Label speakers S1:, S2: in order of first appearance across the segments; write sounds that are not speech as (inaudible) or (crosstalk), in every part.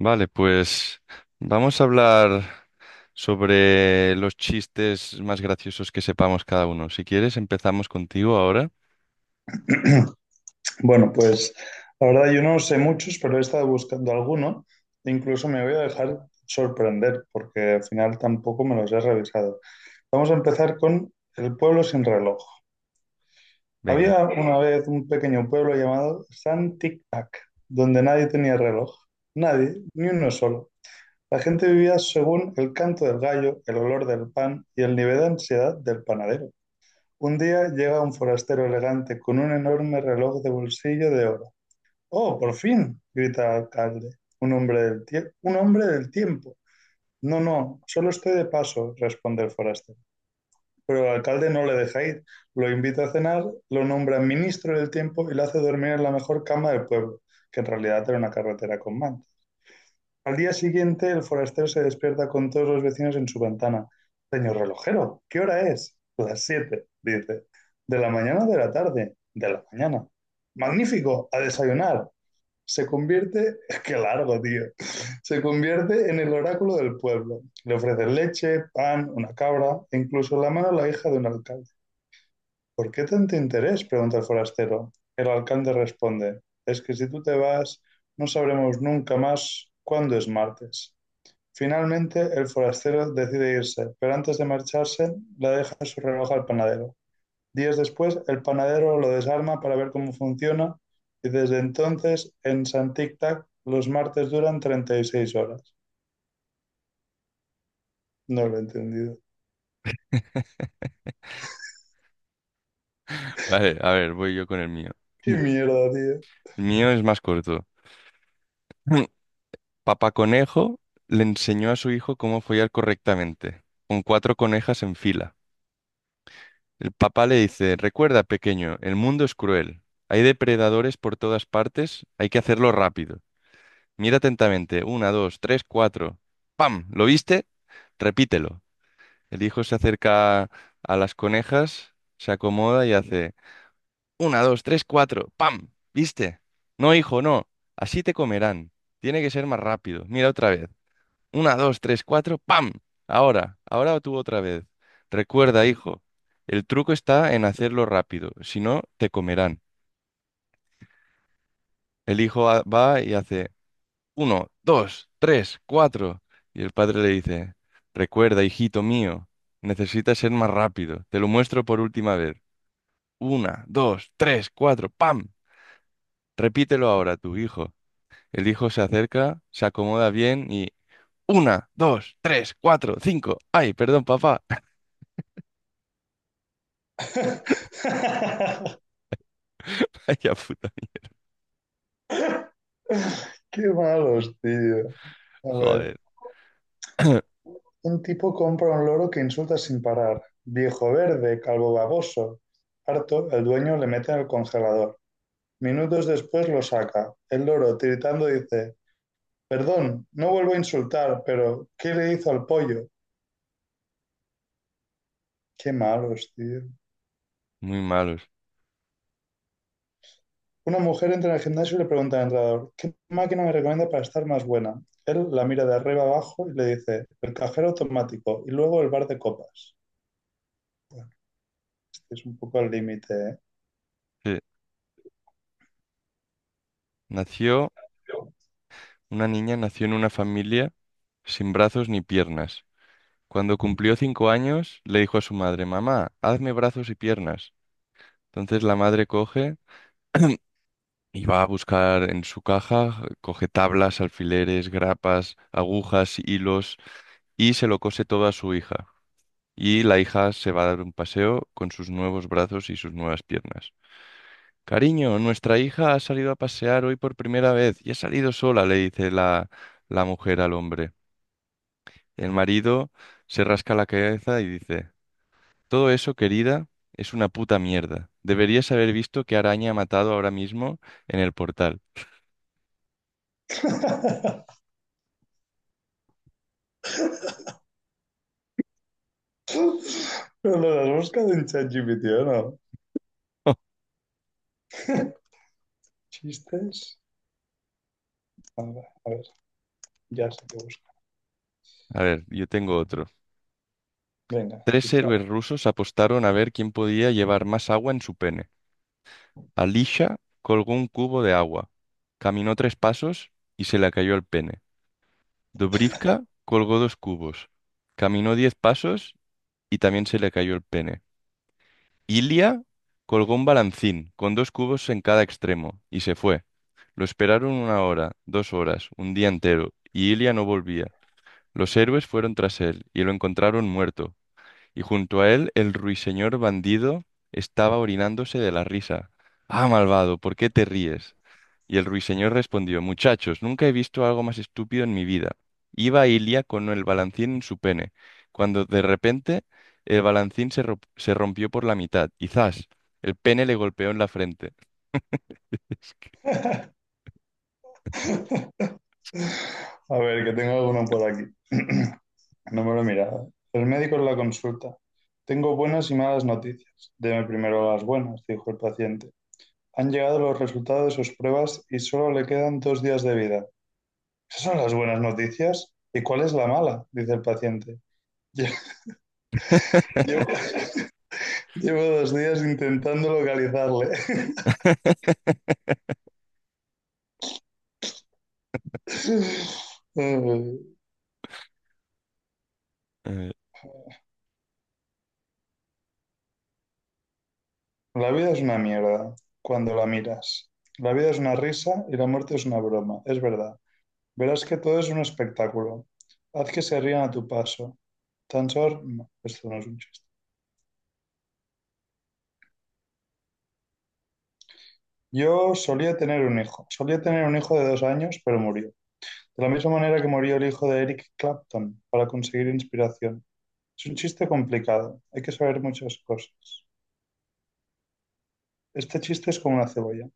S1: Vale, pues vamos a hablar sobre los chistes más graciosos que sepamos cada uno. Si quieres, empezamos contigo ahora.
S2: (laughs) Bueno, pues la verdad yo no sé muchos, pero he estado buscando alguno. Incluso me voy a dejar sorprender porque al final tampoco me los he revisado. Vamos a empezar con el pueblo sin reloj.
S1: Venga.
S2: Había una vez un pequeño pueblo llamado San Tic Tac, donde nadie tenía reloj. Nadie, ni uno solo. La gente vivía según el canto del gallo, el olor del pan y el nivel de ansiedad del panadero. Un día llega un forastero elegante con un enorme reloj de bolsillo de oro. Oh, por fin, grita el alcalde, un hombre del tiempo. No, no, solo estoy de paso, responde el forastero. Pero el alcalde no le deja ir, lo invita a cenar, lo nombra ministro del tiempo y lo hace dormir en la mejor cama del pueblo, que en realidad era una carretera con manta. Al día siguiente, el forastero se despierta con todos los vecinos en su ventana. Señor relojero, ¿qué hora es? Las siete, dice. ¿De la mañana o de la tarde? De la mañana. Magnífico, a desayunar, se convierte, (laughs) qué largo, tío. Se convierte en el oráculo del pueblo. Le ofrece leche, pan, una cabra e incluso la mano a la hija de un alcalde. ¿Por qué tanto interés?, pregunta el forastero. El alcalde responde, es que si tú te vas, no sabremos nunca más cuándo es martes. Finalmente, el forastero decide irse, pero antes de marcharse, le deja su reloj al panadero. Días después, el panadero lo desarma para ver cómo funciona y desde entonces en San Tic Tac los martes duran 36 horas. No lo he entendido.
S1: (laughs) Vale, a ver, voy yo con el mío.
S2: ¡Qué
S1: El
S2: mierda, tío!
S1: mío es más corto. (clears throat) Papá Conejo le enseñó a su hijo cómo follar correctamente, con cuatro conejas en fila. El papá le dice, recuerda, pequeño, el mundo es cruel. Hay depredadores por todas partes, hay que hacerlo rápido. Mira atentamente. Una, dos, tres, cuatro. ¡Pam! ¿Lo viste? Repítelo. El hijo se acerca a las conejas, se acomoda y hace una, dos, tres, cuatro. ¡Pam! ¿Viste? No, hijo, no. Así te comerán. Tiene que ser más rápido. Mira otra vez. Una, dos, tres, cuatro. ¡Pam! Ahora, ahora tú otra vez. Recuerda, hijo, el truco está en hacerlo rápido. Si no, te comerán. Va y hace uno, dos, tres, cuatro. Y el padre le dice, recuerda, hijito mío, necesitas ser más rápido. Te lo muestro por última vez. Una, dos, tres, cuatro, ¡pam! Repítelo ahora, tu hijo. El hijo se acerca, se acomoda bien y una, dos, tres, cuatro, cinco. Ay, perdón, papá. (laughs)
S2: (laughs)
S1: Ay, ya puta.
S2: ¡Qué malos, tío! A ver,
S1: Joder. (coughs) (clears throat)
S2: un tipo compra un loro que insulta sin parar. Viejo verde, calvo baboso. Harto, el dueño le mete en el congelador. Minutos después lo saca. El loro, tiritando, dice, perdón, no vuelvo a insultar, pero ¿qué le hizo al pollo? Qué malos, tío.
S1: Muy malos.
S2: Una mujer entra en el gimnasio y le pregunta al entrenador, ¿qué máquina me recomienda para estar más buena? Él la mira de arriba abajo y le dice, el cajero automático y luego el bar de copas. Es un poco al límite, ¿eh?
S1: Sí. Nació, una niña nació en una familia sin brazos ni piernas. Cuando cumplió 5 años, le dijo a su madre, mamá, hazme brazos y piernas. Entonces la madre coge y va a buscar en su caja, coge tablas, alfileres, grapas, agujas, hilos y se lo cose todo a su hija. Y la hija se va a dar un paseo con sus nuevos brazos y sus nuevas piernas. Cariño, nuestra hija ha salido a pasear hoy por primera vez y ha salido sola, le dice la mujer al hombre. El marido se rasca la cabeza y dice, todo eso, querida, es una puta mierda. Deberías haber visto qué araña ha matado ahora mismo en el portal.
S2: (laughs) Pero lo has buscado en ChatGPT, ¿o no?
S1: (laughs)
S2: ¿Chistes? A ver, ya sé qué busco.
S1: A ver, yo tengo otro.
S2: Venga,
S1: Tres
S2: dispara.
S1: héroes rusos apostaron a ver quién podía llevar más agua en su pene. Alisha colgó un cubo de agua, caminó tres pasos y se le cayó el pene. Dobrivka colgó dos cubos, caminó 10 pasos y también se le cayó el pene. Ilia colgó un balancín con dos cubos en cada extremo y se fue. Lo esperaron una hora, dos horas, un día entero, y Ilia no volvía. Los héroes fueron tras él y lo encontraron muerto y junto a él el ruiseñor bandido estaba orinándose de la risa. Ah, malvado, ¿por qué te ríes? Y el ruiseñor respondió, muchachos, nunca he visto algo más estúpido en mi vida. Iba Ilia con el balancín en su pene, cuando de repente el balancín se rompió por la mitad y ¡zas! El pene le golpeó en la frente.
S2: A ver, que tengo alguno por aquí. (clears throat) No me lo he mirado. El médico en la consulta. Tengo buenas y malas noticias. Deme primero las buenas, dijo el paciente. Han llegado los resultados de sus pruebas y solo le quedan 2 días de vida. ¿Esas son las buenas noticias? ¿Y cuál es la mala?, dice el paciente. Lle- (laughs) Llevo, llevo 2 días intentando localizarle. (laughs)
S1: (laughs)
S2: Eh,
S1: Eh,
S2: la vida es una mierda cuando la miras. La vida es una risa y la muerte es una broma, es verdad. Verás que todo es un espectáculo. Haz que se rían a tu paso. No, esto no es un chiste. Yo solía tener un hijo. Solía tener un hijo de 2 años, pero murió. De la misma manera que murió el hijo de Eric Clapton para conseguir inspiración. Es un chiste complicado. Hay que saber muchas cosas. Este chiste es como una cebolla.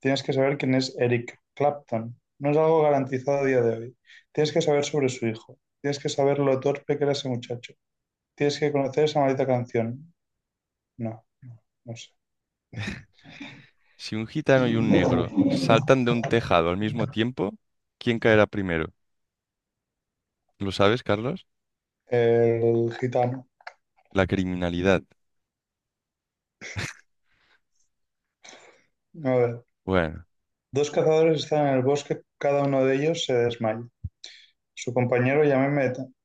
S2: Tienes que saber quién es Eric Clapton. No es algo garantizado a día de hoy. Tienes que saber sobre su hijo. Tienes que saber lo torpe que era ese muchacho. Tienes que conocer esa maldita canción. No. No sé.
S1: Si un gitano y un negro saltan de un tejado al mismo tiempo, ¿quién caerá primero? ¿Lo sabes, Carlos?
S2: El gitano.
S1: La criminalidad.
S2: A ver.
S1: Bueno,
S2: Dos cazadores están en el bosque, cada uno de ellos se desmaya. Su compañero llama inmediatamente.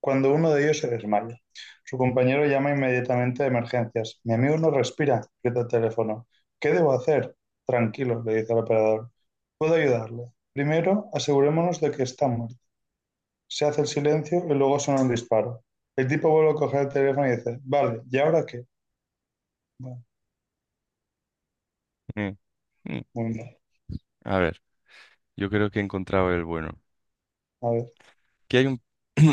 S2: Cuando uno de ellos se desmaya, su compañero llama inmediatamente a emergencias. Mi amigo no respira, grita el teléfono. ¿Qué debo hacer? Tranquilo, le dice el operador. Puedo ayudarle. Primero, asegurémonos de que está muerto. Se hace el silencio y luego suena un disparo. El tipo vuelve a coger el teléfono y dice, vale, ¿y ahora qué? Bueno,
S1: mm, mm,
S2: muy mal.
S1: a ver, yo creo que he encontrado el bueno.
S2: A ver.
S1: Que hay un... (clears throat)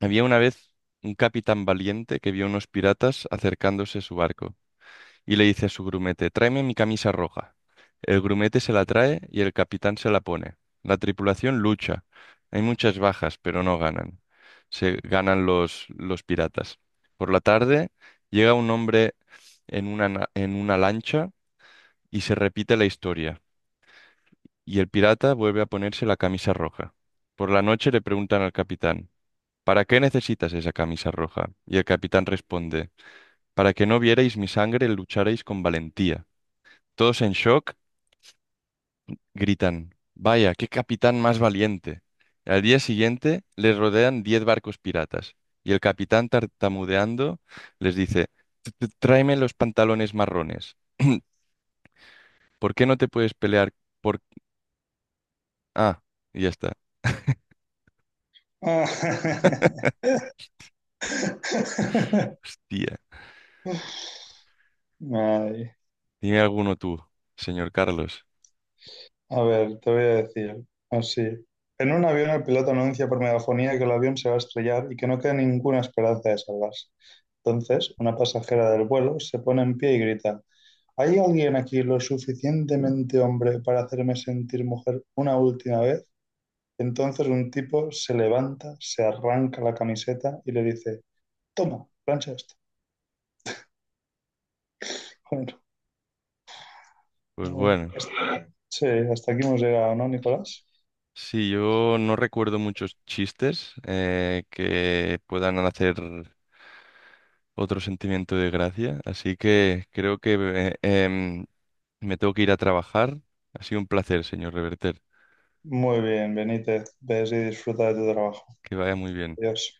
S1: Había una vez un capitán valiente que vio a unos piratas acercándose a su barco y le dice a su grumete, tráeme mi camisa roja. El grumete se la trae y el capitán se la pone. La tripulación lucha. Hay muchas bajas, pero no ganan. Se ganan los piratas. Por la tarde llega un hombre en en una lancha y se repite la historia. Y el pirata vuelve a ponerse la camisa roja. Por la noche le preguntan al capitán, ¿para qué necesitas esa camisa roja? Y el capitán responde, para que no vierais mi sangre, lucharéis con valentía. Todos en shock gritan, vaya, qué capitán más valiente. Al día siguiente les rodean 10 barcos piratas y el capitán tartamudeando les dice, Tráeme los pantalones marrones. ¿Por qué no te puedes pelear por... Ah, y ya está.
S2: Ah.
S1: Hostia,
S2: (laughs) Ay,
S1: dime alguno tú, señor Carlos.
S2: a ver, te voy a decir así. En un avión el piloto anuncia por megafonía que el avión se va a estrellar y que no queda ninguna esperanza de salvarse. Entonces, una pasajera del vuelo se pone en pie y grita, ¿hay alguien aquí lo suficientemente hombre para hacerme sentir mujer una última vez? Entonces un tipo se levanta, se arranca la camiseta y le dice, toma, plancha esto. (laughs)
S1: Pues
S2: Bueno,
S1: bueno,
S2: sí, hasta aquí hemos llegado, ¿no, Nicolás?
S1: sí, yo no recuerdo muchos chistes que puedan hacer otro sentimiento de gracia, así que creo que me tengo que ir a trabajar. Ha sido un placer, señor Reverter.
S2: Muy bien, Benítez, ves y disfruta de tu trabajo.
S1: Que vaya muy bien.
S2: Adiós.